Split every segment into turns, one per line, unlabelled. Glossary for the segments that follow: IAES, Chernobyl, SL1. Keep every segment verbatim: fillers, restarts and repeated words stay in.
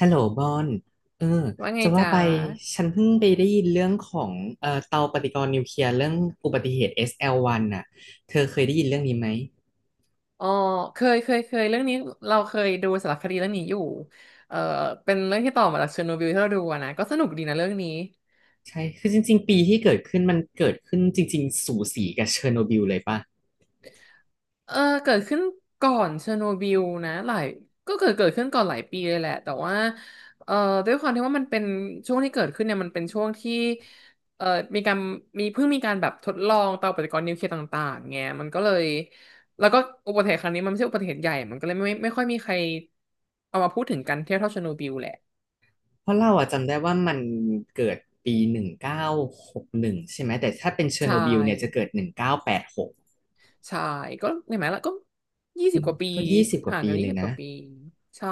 ฮัลโหลบอนเออ
ว่าไง
จะว่า
จ๊ะ
ไปฉันเพิ่งไปได้ยินเรื่องของเอ่อเตาปฏิกรณ์นิวเคลียร์เรื่องอุบัติเหตุ เอส แอล วัน นน่ะเธอเคยได้ยินเรื่องนี้ไหม
อ๋อเคยเคยเคยเรื่องนี้เราเคยดูสารคดีเรื่องนี้อยู่เออเป็นเรื่องที่ต่อมาจากเชอร์โนบิลที่เราดูอะนะก็สนุกดีนะเรื่องนี้
ใช่คือจริงๆปีที่เกิดขึ้นมันเกิดขึ้นจริงๆสูสีกับเชอร์โนบิลเลยป่ะ
เออเกิดขึ้นก่อนเชอร์โนบิลนะหลายก็เกิดเกิดขึ้นก่อนหลายปีเลยแหละแต่ว่าเอ่อด้วยความที่ว่ามันเป็นช่วงที่เกิดขึ้นเนี่ยมันเป็นช่วงที่เอ่อมีการมีเพิ่งมีการแบบทดลองเตาปฏิกรณ์นิวเคลียร์ต่างๆไงมันก็เลยแล้วก็อุบัติเหตุครั้งนี้มันไม่ใช่อุบัติเหตุใหญ่มันก็เลยไม่ไม่ค่อยมีใครเอามาพูดถึงกันเทาเท่าเชอร์โนบิลแหละ
เพราะเราอะจำได้ว่ามันเกิดปีหนึ่งเก้าหกหนึ่งใช่ไหมแต่ถ้าเป็นเชอ
ใช
ร์โนบิลเนี่ยจะ
่
เกิดหนึ่งเก้าแปดหก
ใช่ก็เห็นไหมล่ะก็ยี่สิบกว่าปี
ก็ยี่สิบกว่า
ห่าง
ปี
กัน
เล
ยี่
ย
สิบก
นะ
ว่าปีใช่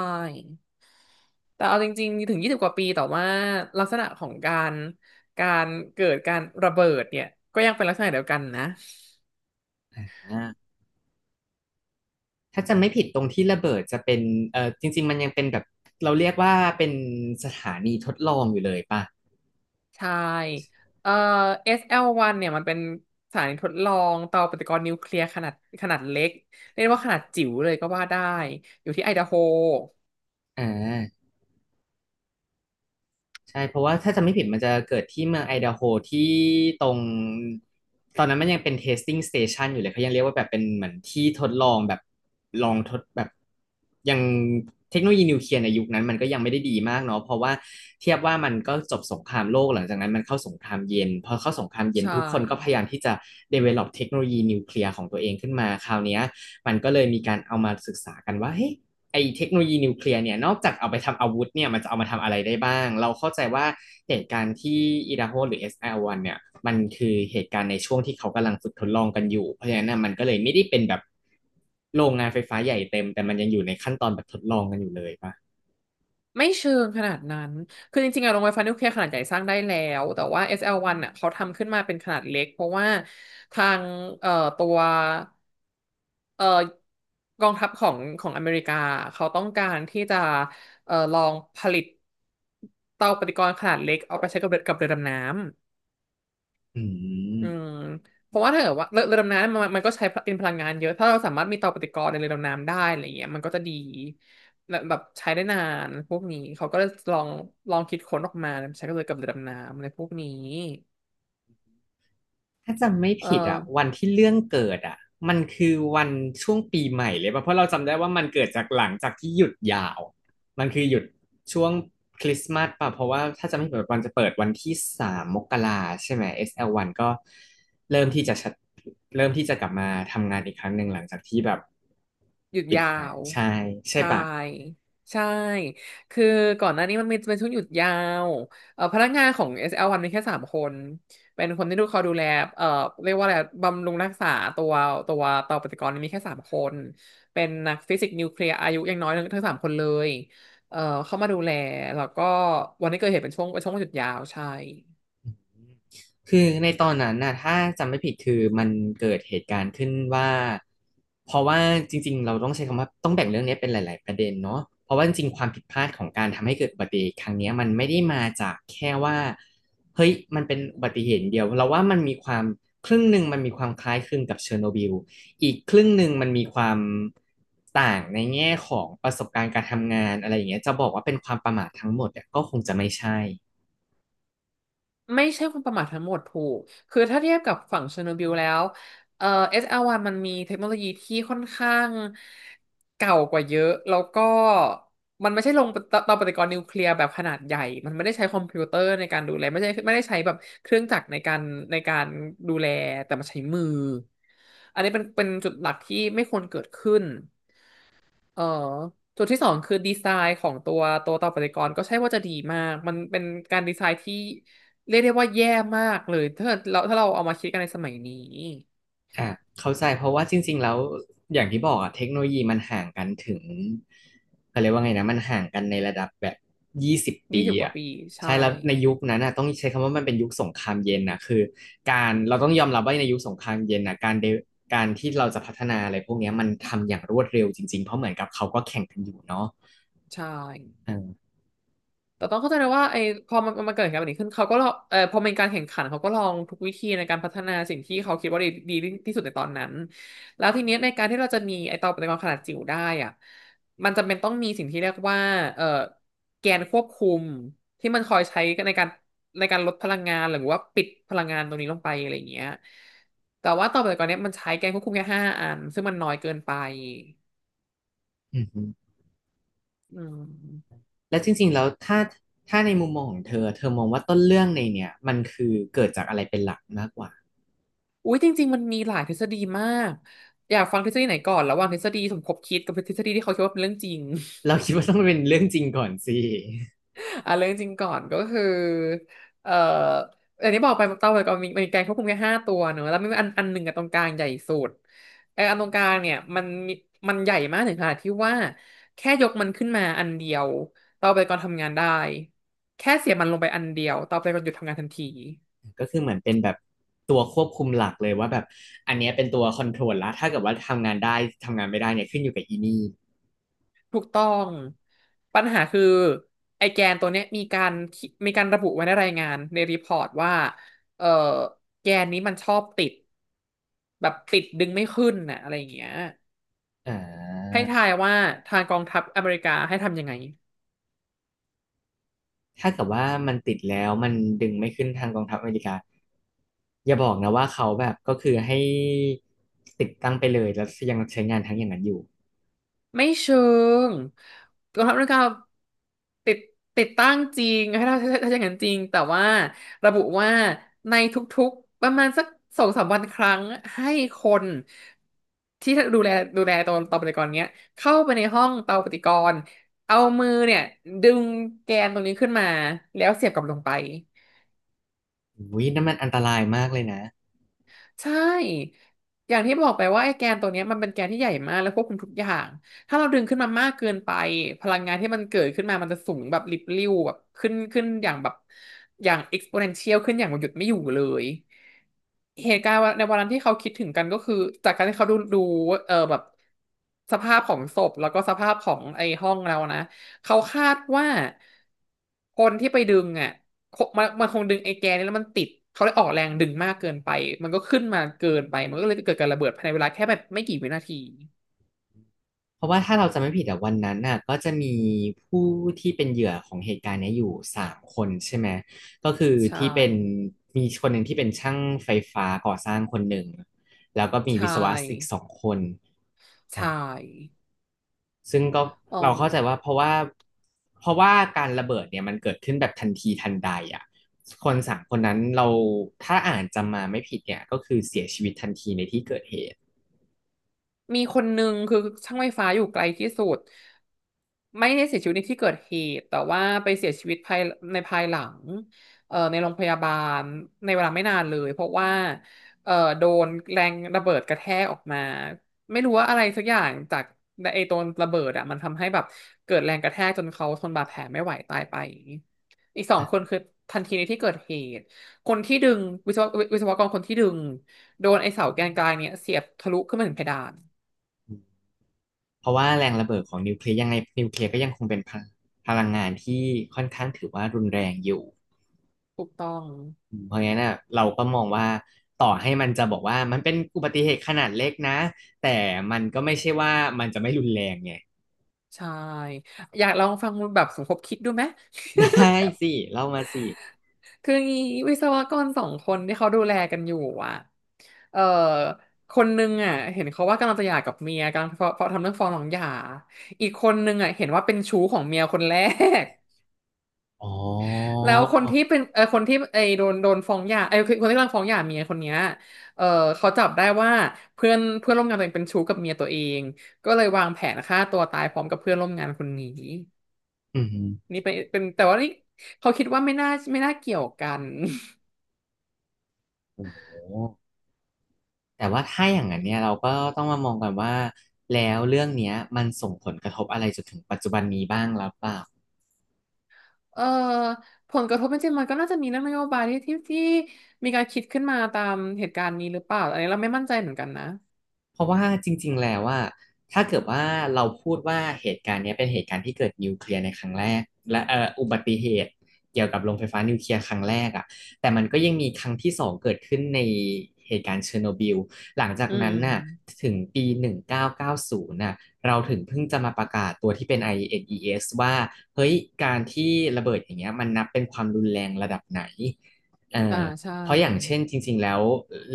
แต่เอาจริงๆถึงยี่สิบกว่าปีแต่ว่าลักษณะของการการเกิดการระเบิดเนี่ยก็ยังเป็นลักษณะเดียวกันนะ
อ่า ถ้าจะไม่ผิดตรงที่ระเบิดจะเป็นเออจริงๆ มันยังเป็นแบบเราเรียกว่าเป็นสถานีทดลองอยู่เลยป่ะ
ใช่เอ่อ เอส แอล วัน เนี่ยมันเป็นสถานีทดลองเตาปฏิกรณ์นิวเคลียร์ขนาดขนาดเล็กเรียกว่าขนาดจิ๋วเลยก็ว่าได้อยู่ที่ไอดาโฮ
อ่า ใช่เพราะว่าถ้าจำไม่ผิดมันจะเกิดที่เมืองไอดาโฮที่ตรงตอนนั้นมันยังเป็น testing station อยู่เลยเขายังเรียกว่าแบบเป็นเหมือนที่ทดลองแบบลองทดแบบยังเทคโนโลยีนิวเคลียร์ในยุคนั้นมันก็ยังไม่ได้ดีมากเนาะเพราะว่าเทียบว่ามันก็จบสงครามโลกหลังจากนั้นมันเข้าสงครามเย็นพอเข้าสงครามเย็น
ใช่
ทุกคนก็พยายามที่จะ develop เทคโนโลยีนิวเคลียร์ของตัวเองขึ้นมาคราวเนี้ยมันก็เลยมีการเอามาศึกษากันว่าเฮ้ย ไอเทคโนโลยีนิวเคลียร์เนี่ยนอกจากเอาไปทำอาวุธเนี่ยมันจะเอามาทำอะไรได้บ้างเราเข้าใจว่าเหตุการณ์ที่อิดาโฮหรือ เอส อาร์ วัน เนี่ยมันคือเหตุการณ์ในช่วงที่เขากำลังฝึกทดลองกันอยู่เพราะฉะนั้น่ะมันก็เลยไม่ได้เป็นแบบโรงงานไฟฟ้าใหญ่เต็มแต่มันยังอยู่ในขั้นตอนแบบทดลองกันอยู่เลยปะ
ไม่เชิงขนาดนั้น คือจริงๆอะโรงไฟฟ้านิวเคลียร์ขนาดใหญ่สร้างได้แล้ว แต่ว่า เอส แอล วัน อสแอลวันอ่ะเขาทำขึ้นมาเป็นขนาดเล็กเพราะว่าทางเอ่อตัวเอ่อกองทัพของของอเมริกาเขาต้องการที่จะเอ่อลองผลิตเตาปฏิกรณ์ขนาดเล็กเอาไปใช้กับเรือกับเรือดำน้ำ
อื
อืม
ม
เพราะว่าถ้าเกิดว่าเรือเรือดำน้ำมันมันก็ใช้เป็นพลังงานเยอะ ถ้าเราสามารถมีเตาปฏิกรณ์ในเรือดำน้ำได้อะไรเงี้ยมันก็จะดีและแบบใช้ได้นานพวกนี้เขาก็เลยลองลองคิดค้นออกมาใช้ก็เลยกับเรือดำน้ำอะไรพวกนี้
ถ้าจำไม่
เออ
ผิดอ่ะวันที่เรื่องเกิดอ่ะมันคือวันช่วงปีใหม่เลยป่ะเพราะเราจำได้ว่ามันเกิดจากหลังจากที่หยุดยาวมันคือหยุดช่วงคริสต์มาสป่ะเพราะว่าถ้าจำไม่ผิดมันจะเปิดวันที่สามมกราใช่ไหม s ันก็เริ่มที่จะชัดเริ่มที่จะกลับมาทำงานอีกครั้งหนึ่งหลังจากที่แบบ
หยุด
ปิด
ยา
นะ
ว
ใช่ใช่
ใช่
ป่ะ
ใช่คือก่อนหน้านี้มันมีเป็นช่วงหยุดยาวเอ่อพนักงานของ เอส แอล วัน มีแค่สามคนเป็นคนที่ดูเขาดูแลเอ่อเรียกว่าอะไรบำรุงรักษาตัวตัวเตาปฏิกรณ์มีแค่สามคนเป็นนักฟิสิกส์นิวเคลียร์อายุยังน้อยทั้งทั้งสามคนเลยเอ่อเข้ามาดูแลแล้วก็วันที่เกิดเหตุเป็นช่วงเป็นช่วงหยุดยาวใช่
คือในตอนนั้นน่ะถ้าจำไม่ผิดคือมันเกิดเหตุการณ์ขึ้นว่าเพราะว่าจริงๆเราต้องใช้คำว่าต้องแบ่งเรื่องนี้เป็นหลายๆประเด็นเนาะเพราะว่าจริงๆความผิดพลาดของการทำให้เกิดอุบัติเหตุครั้งเนี้ยมันไม่ได้มาจากแค่ว่าเฮ้ยมันเป็นอุบัติเหตุเดียวเราว่ามันมีความครึ่งหนึ่งมันมีความคล้ายคลึงกับเชอร์โนบิลอีกครึ่งหนึ่งมันมีความต่างในแง่ของประสบการณ์การทำงานอะไรอย่างเงี้ยจะบอกว่าเป็นความประมาททั้งหมดเนี่ยก็คงจะไม่ใช่
ไม่ใช่ความประมาททั้งหมดถูก คือถ้าเทียบกับฝั่งเชอร์โนบิลแล้วเอ่อ เอส อาร์ วัน มันมีเทคโนโลยีที่ค่อนข้างเก่ากว่าเยอะแล้วก็มันไม่ใช่ลงเตาเตาปฏิกรณ์นิวเคลียร์แบบขนาดใหญ่ มันไม่ได้ใช้คอมพิวเตอร์ในการดูแลไม่ใช่ไม่ได้ใช้แบบเครื่องจักรในการในการดูแลแต่มันใช้มืออันนี้เป็นเป็นจุดหลักที่ไม่ควรเกิดขึ้น เออจุดที่สองคือดีไซน์ของตัวตัวต่อปฏิกรณ์ก็ใช่ว่าจะดีมากมันเป็นการดีไซน์ที่เรียกได้ว่าแย่มากเลยถ้าเราถ้าเราเอามาคิดกันในสมัยนี้
อ่ะเข้าใจเพราะว่าจริงๆแล้วอย่างที่บอกอะเทคโนโลยีมันห่างกันถึงเขาเรียกว่าไงนะมันห่างกันในระดับแบบยี่สิบ
ยี่
ปี
สิบกว่า
อะ
ปี
ใช่
ใช่
แล้วในยุคนั้นอะต้องใช้คำว่ามันเป็นยุคสงครามเย็นนะคือการเราต้องยอมรับว่าในยุคสงครามเย็นนะการเดการที่เราจะพัฒนาอะไรพวกเนี้ยมันทำอย่างรวดเร็วจริงๆเพราะเหมือนกับเขาก็แข่งกันอยู่เนาะ
ใช่
อา
แต่ต้องเข้าใจนะว่าไอ้พอมันมันเกิดเหตุการณ์แบบนี้ขึ้นเขาก็ลองเออพอเป็นการแข่งขันเขาก็ลองทุกวิธีในการพัฒนาสิ่งที่เขาคิดว่าดีดีที่สุดในตอนนั้นแล้วทีเนี้ยในการที่เราจะมีไอ้เตาปฏิกรณ์ขนาดจิ๋วได้อ่ะมันจำเป็นต้องมีสิ่งที่เรียกว่าเออแกนควบคุมที่มันคอยใช้ในการในการลดพลังงานหรือว่าปิดพลังงานตรงนี้ลงไปอะไรอย่างเงี้ยแต่ว่าเตาปฏิกรณ์เนี้ยมันใช้แกนควบคุมแค่ห้าอันซึ่งมันน้อยเกินไป
อือฮึ
อืม
แล้วจริงๆแล้วถ้าถ้าในมุมมองของเธอเธอมองว่าต้นเรื่องในเนี่ยมันคือเกิดจากอะไรเป็นหลักมากกว่า
อุ้ยจริงๆมันมีหลายทฤษฎีมากอยากฟังทฤษฎีไหนก่อนระหว่างทฤษฎีสมคบคิดกับทฤษฎีที่เขาคิดว่าเป็นเรื่องจริง
เราคิดว่าต้องเป็นเรื่องจริงก่อนสิ
อ่ะเรื่องจริงก่อนก็คือเอ่ออันนี้บอกไปเต้าไปก่อนมีมีแกนควบคุมแค่ห้าตัวเนอะแล้วมีอันอันหนึ่งกับตรงกลางใหญ่สุดไอ้อันตรงกลางเนี่ยมันมีมันใหญ่มากถึงขนาดที่ว่าแค่ยกมันขึ้นมาอันเดียวเต้าไปก่อนทำงานได้แค่เสียบมันลงไปอันเดียวเต้าไปก่อนหยุดทำงานทันที
ก็คือเหมือนเป็นแบบตัวควบคุมหลักเลยว่าแบบอันเนี้ยเป็นตัวคอนโทรลละถ้าเกิดว่าทำงานได้ทำงานไม่ได้เนี่ยขึ้นอยู่กับอีนี่
ถูกต้องปัญหาคือไอแกนตัวเนี้ยมีการมีการระบุไว้ในรายงานในรีพอร์ตว่าเออแกนนี้มันชอบติดแบบติดดึงไม่ขึ้นน่ะอะไรอย่างเงี้ย
อ่
ให้
า
ทายว่าทางกองทัพอเมริกาให้ทำยังไง
ถ้าเกิดว่ามันติดแล้วมันดึงไม่ขึ้นทางกองทัพอเมริกาอย่าบอกนะว่าเขาแบบก็คือให้ติดตั้งไปเลยแล้วยังใช้งานทั้งอย่างนั้นอยู่
ไม่เชิงกองทัพอเมริกาติดติดตั้งจริงให้เราถ้าถ้าอย่างนั้นจริงแต่ว่าระบุว่าในทุกๆประมาณสักสองสามวันครั้งให้คนที่ดูแลดูแลตัวเตาปฏิกรณ์เนี้ยเข้าไปในห้องเตาปฏิกรณ์เอามือเนี่ยดึงแกนตรงนี้ขึ้นมาแล้วเสียบกลับลงไป
อุ้ยนั่นมันอันตรายมากเลยนะ
ใช่ อย่างที่บอกไปว่าไอ้แกนตัวเนี้ยมันเป็นแกนที่ใหญ่มากแล้วควบคุมทุกอย่าง ถ้าเราดึงขึ้นมามากเกินไปพลังงานที่มันเกิดขึ้นมามันจะสูงแบบลิบลิ่วแบบขึ้นขึ้นอย่างแบบอย่าง exponential ขึ้นอย่างหยุดไม่อยู่เลย เหตุการณ์ในวันนั้นที่เขาคิดถึงกันก็คือจากการที่เขาดูดูเออแบบสภาพของศพแล้วก็สภาพของไอ้ห้องเรานะเขาคาดว่าคนที่ไปดึงอ่ะ มันมันคงดึงไอ้แกนนี้แล้วมันติดเขาเลยออกแรงดึงมากเกินไปมันก็ขึ้นมาเกินไปมันก็เลยเกิดการระเบิดภายในเวลาแค่แบบไม่กี่วินาที
เพราะว่าถ้าเราจำไม่ผิดอะวันนั้นน่ะก็จะมีผู้ที่เป็นเหยื่อของเหตุการณ์เนี้ยอยู่สามคนใช่ไหมก็คือ
ใช่
ที่เป็นมีคนหนึ่งที่เป็นช่างไฟฟ้าก่อสร้างคนหนึ่งแล้วก็มี
ใช่
วิศวะอีกสองคนอ่า
ใช่
ซึ่งก็
อ๋อ
เราเข้าใจว่าเพราะว่าเพราะว่าการระเบิดเนี่ยมันเกิดขึ้นแบบทันทีทันใดอ่ะคนสามคนนั้นเราถ้าอ่านจำมาไม่ผิดเนี่ยก็คือเสียชีวิตทันทีในที่เกิดเหตุ
มีคนนึงคือช่างไฟฟ้าอยู่ไกลที่สุดไม่ได้เสียชีวิตในที่เกิดเหตุแต่ว่าไปเสียชีวิตภายในภายหลังเอ่อในโรงพยาบาลในเวลาไม่นานเลยเพราะว่าเอ่อโดนแรงระเบิดกระแทกออกมาไม่รู้ว่าอะไรสักอย่างจากไอ้ตัวระเบิดอ่ะมันทำให้แบบเกิดแรงกระแทกจนเขาทนบาดแผลไม่ไหวตายไปอีกสองคนคือทันทีในที่เกิดเหตุคนที่ดึงวิศววิศวกรคนที่ดึงโดนไอ้เสาแกนกลางเนี่ยเสียบทะลุขึ้นมาถึงเพดาน
เพราะว่าแรงระเบิดของนิวเคลียร์ยังไงนิวเคลียร์ก็ยังคงเป็นพลังพลังงานที่ค่อนข้างถือว่ารุนแรงอยู่
ถูกต้อง
เพราะงั้นน่ะเราก็มองว่าต่อให้มันจะบอกว่ามันเป็นอุบัติเหตุขนาดเล็กนะแต่มันก็ไม่ใช่ว่ามันจะไม่รุนแรงไง
ใช่อยากลองฟังแบบสมคบคิดดูไหม
ได้สิเล่ามาสิ
คืองี้วิศวกรสองคนที่เขาดูแลกันอยู่อ่ะเออคนนึงอ่ะเห็นเขาว่ากำลังจะหย่ากับเมียกำลังฟ้องทำเรื่องฟ้องหลังหย่าอีกคนนึงอ่ะเห็นว่าเป็นชู้ของเมียคนแรก
อ๋อ
แล้วคนที่เป็นเออคนที่ไอโดนโดนฟ้องหย่าไอคนที่กำลังฟ้องหย่าเมียคนเนี้ยเออเขาจับได้ว่าเพื่อนเพื่อนร่วมงานตัวเองเป็นชู้กับเมียตัวเองก็เลยวางแผนฆ่าตัวตายพร้อมกับเพื่อนร่วมงานคนนี้
อืม
นี่เป็นเป็นแต่ว่านี่เขาคิดว่าไม่น่าไม่น่าเกี่ยวกัน
โอ้โหแต่ว่าถ้าอย่างนั้นเนี่ยเราก็ต้องมามองกันว่าแล้วเรื่องเนี้ยมันส่งผลกระทบอะไรจนถึงปัจจุบันนี้บ้างหรือเปล่า
เอ่อผลกระทบจริงๆมันก็น่าจะมีเรื่องนโยบายที่ที่ที่มีการคิดขึ้นมาตามเหตุการณ์นี้หรือเปล่าอันนี้เราไม่มั่นใจเหมือนกันนะ
เพราะว่าจริงๆแล้วว่าถ้าเกิดว่าเราพูดว่าเหตุการณ์เนี้ยเป็นเหตุการณ์ที่เกิดนิวเคลียร์ในครั้งแรกและเอ่ออุบัติเหตุเกี่ยวกับโรงไฟฟ้านิวเคลียร์ครั้งแรกอ่ะแต่มันก็ยังมีครั้งที่สองเกิดขึ้นในเหตุการณ์เชอร์โนบิลหลังจาก
อืม
นั้นน่ะถึงปีหนึ่งเก้าเก้าศูนย์น่งพันเก้าร้อยเก้าสิบน่ะเราถึงเพิ่งจะมาประกาศตัวที่เป็น ไอ เอ อี เอส ว่าเฮ้ยการที่ระเบิดอย่างเงี้ยมันนับเป็นความรุนแรงระดับไหนเอ
อ่า
อ
ใช่
เพราะอย่างเช่นจริงๆแล้ว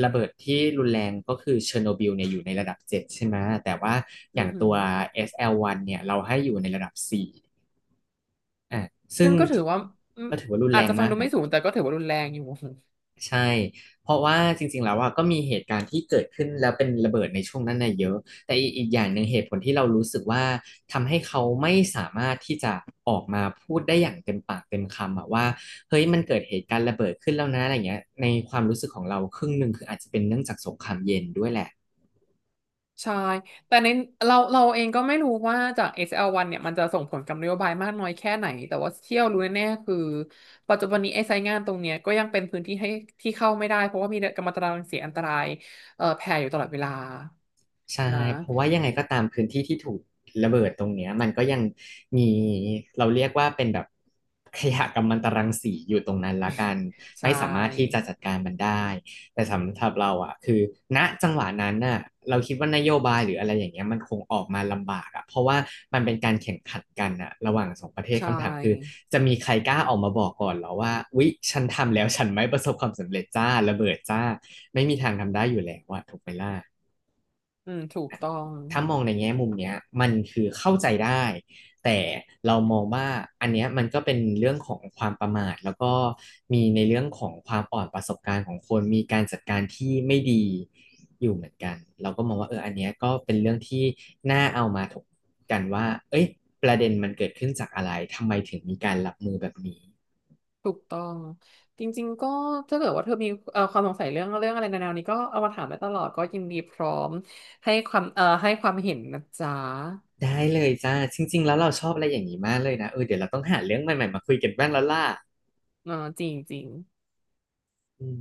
ระเบิดที่รุนแรงก็คือเชอร์โนบิลเนี่ยอยู่ในระดับเจ็ดใช่ไหมแต่ว่าอ
อื
ย่า
อ
ง
หือ
ตัว เอส แอล วัน เนี่ยเราให้อยู่ในระดับสี่อ่ะซึ่
ซึ่
ง
งก็ถือว่าอืม
ก็ถือว่ารุน
อา
แร
จ
ง
จะฟัง
มาก
ดูไม่
นะ
สูงแต่ก็ถือว่ารุนแรงอยู่
ใช่ เพราะว่าจริงๆแล้วว่าก็มีเหตุการณ์ที่เกิดขึ้นแล้วเป็นระเบิดในช่วงนั้นน่ะเยอะ แต่อีกอีกอย่างหนึ่งเหตุผลที่เรารู้สึกว่าทำให้เขาไม่สามารถที่จะออกมาพูดได้อย่างเต็มปากเต็มคำอะว่าเฮ้ยมันเกิดเหตุการณ์ระเบิดขึ้นแล้วนะอะไรเงี้ยในความรู้สึกของเราครึ่งหนึ่งคืออาจจะเป็นเนื่องจากสงครามเย็นด้วยแหละ
ใช่ แต่ในเราเราเองก็ไม่รู้ว่าจาก เอส แอล วัน เนี่ยมันจะส่งผลกับนโยบายมากน้อยแค่ไหน แต่ว่าเที่ยวรู้แน่ๆคือปัจจุบันนี้ไอ้ไซต์งานตรงเนี้ยก็ยังเป็นพื้นที่ให้ที่เข้าไม่ได้เพราะว่ามีกัมมันตรังสีอันตรายเอ่อแผ่อยู่ตลอดเวลา
ใช่
นะ
เพราะว่ายังไงก็ตามพื้นที่ที่ถูกระเบิดตรงเนี้ยมันก็ยังมีเราเรียกว่าเป็นแบบขยะกัมมันตรังสีอยู่ตรงนั้นละกัน ไม่
ใช่
สามารถที่จะจัดการมันได้แต่สำหรับเราอ่ะคือณจังหวะนั้นน่ะเราคิดว่านโยบายหรืออะไรอย่างเงี้ยมันคงออกมาลำบากอ่ะเพราะว่ามันเป็นการแข่งขันกันอ่ะระหว่างสองประเทศ
ใช
คำถามคือ
่
จะมีใครกล้าออกมาบอกก่อนเหรอว่าวิฉันทำแล้วฉันไม่ประสบความสำเร็จจ้าระเบิดจ้าไม่มีทางทำได้อยู่แล้วอ่ะถูกไหมล่ะ
อืมถูกต้อง
ถ้ามองในแง่มุมเนี้ยมันคือเข้าใจได้แต่เรามองว่าอันเนี้ยมันก็เป็นเรื่องของความประมาทแล้วก็มีในเรื่องของความอ่อนประสบการณ์ของคนมีการจัดการที่ไม่ดีอยู่เหมือนกันเราก็มองว่าเอออันเนี้ยก็เป็นเรื่องที่น่าเอามาถกกันว่าเอ้ยประเด็นมันเกิดขึ้นจากอะไรทำไมถึงมีการรับมือแบบนี้
ถูกต้องจริงๆก็ถ้าเกิดว่าเธอมีเอ่อความสงสัยเรื่องเรื่องอะไรในแนวนี้ก็เอามาถามได้ตลอดก็ยินดีพร้อมให้ความเอ่อให้ความเห็นนะจ๊ะ
ได้เลยจ้าจริงๆแล้วเราชอบอะไรอย่างนี้มากเลยนะเออเดี๋ยวเราต้องหาเรื่องใหม่ๆมาคุยกันบ้างแล้วล่ะ
เออจริงจริง
อืม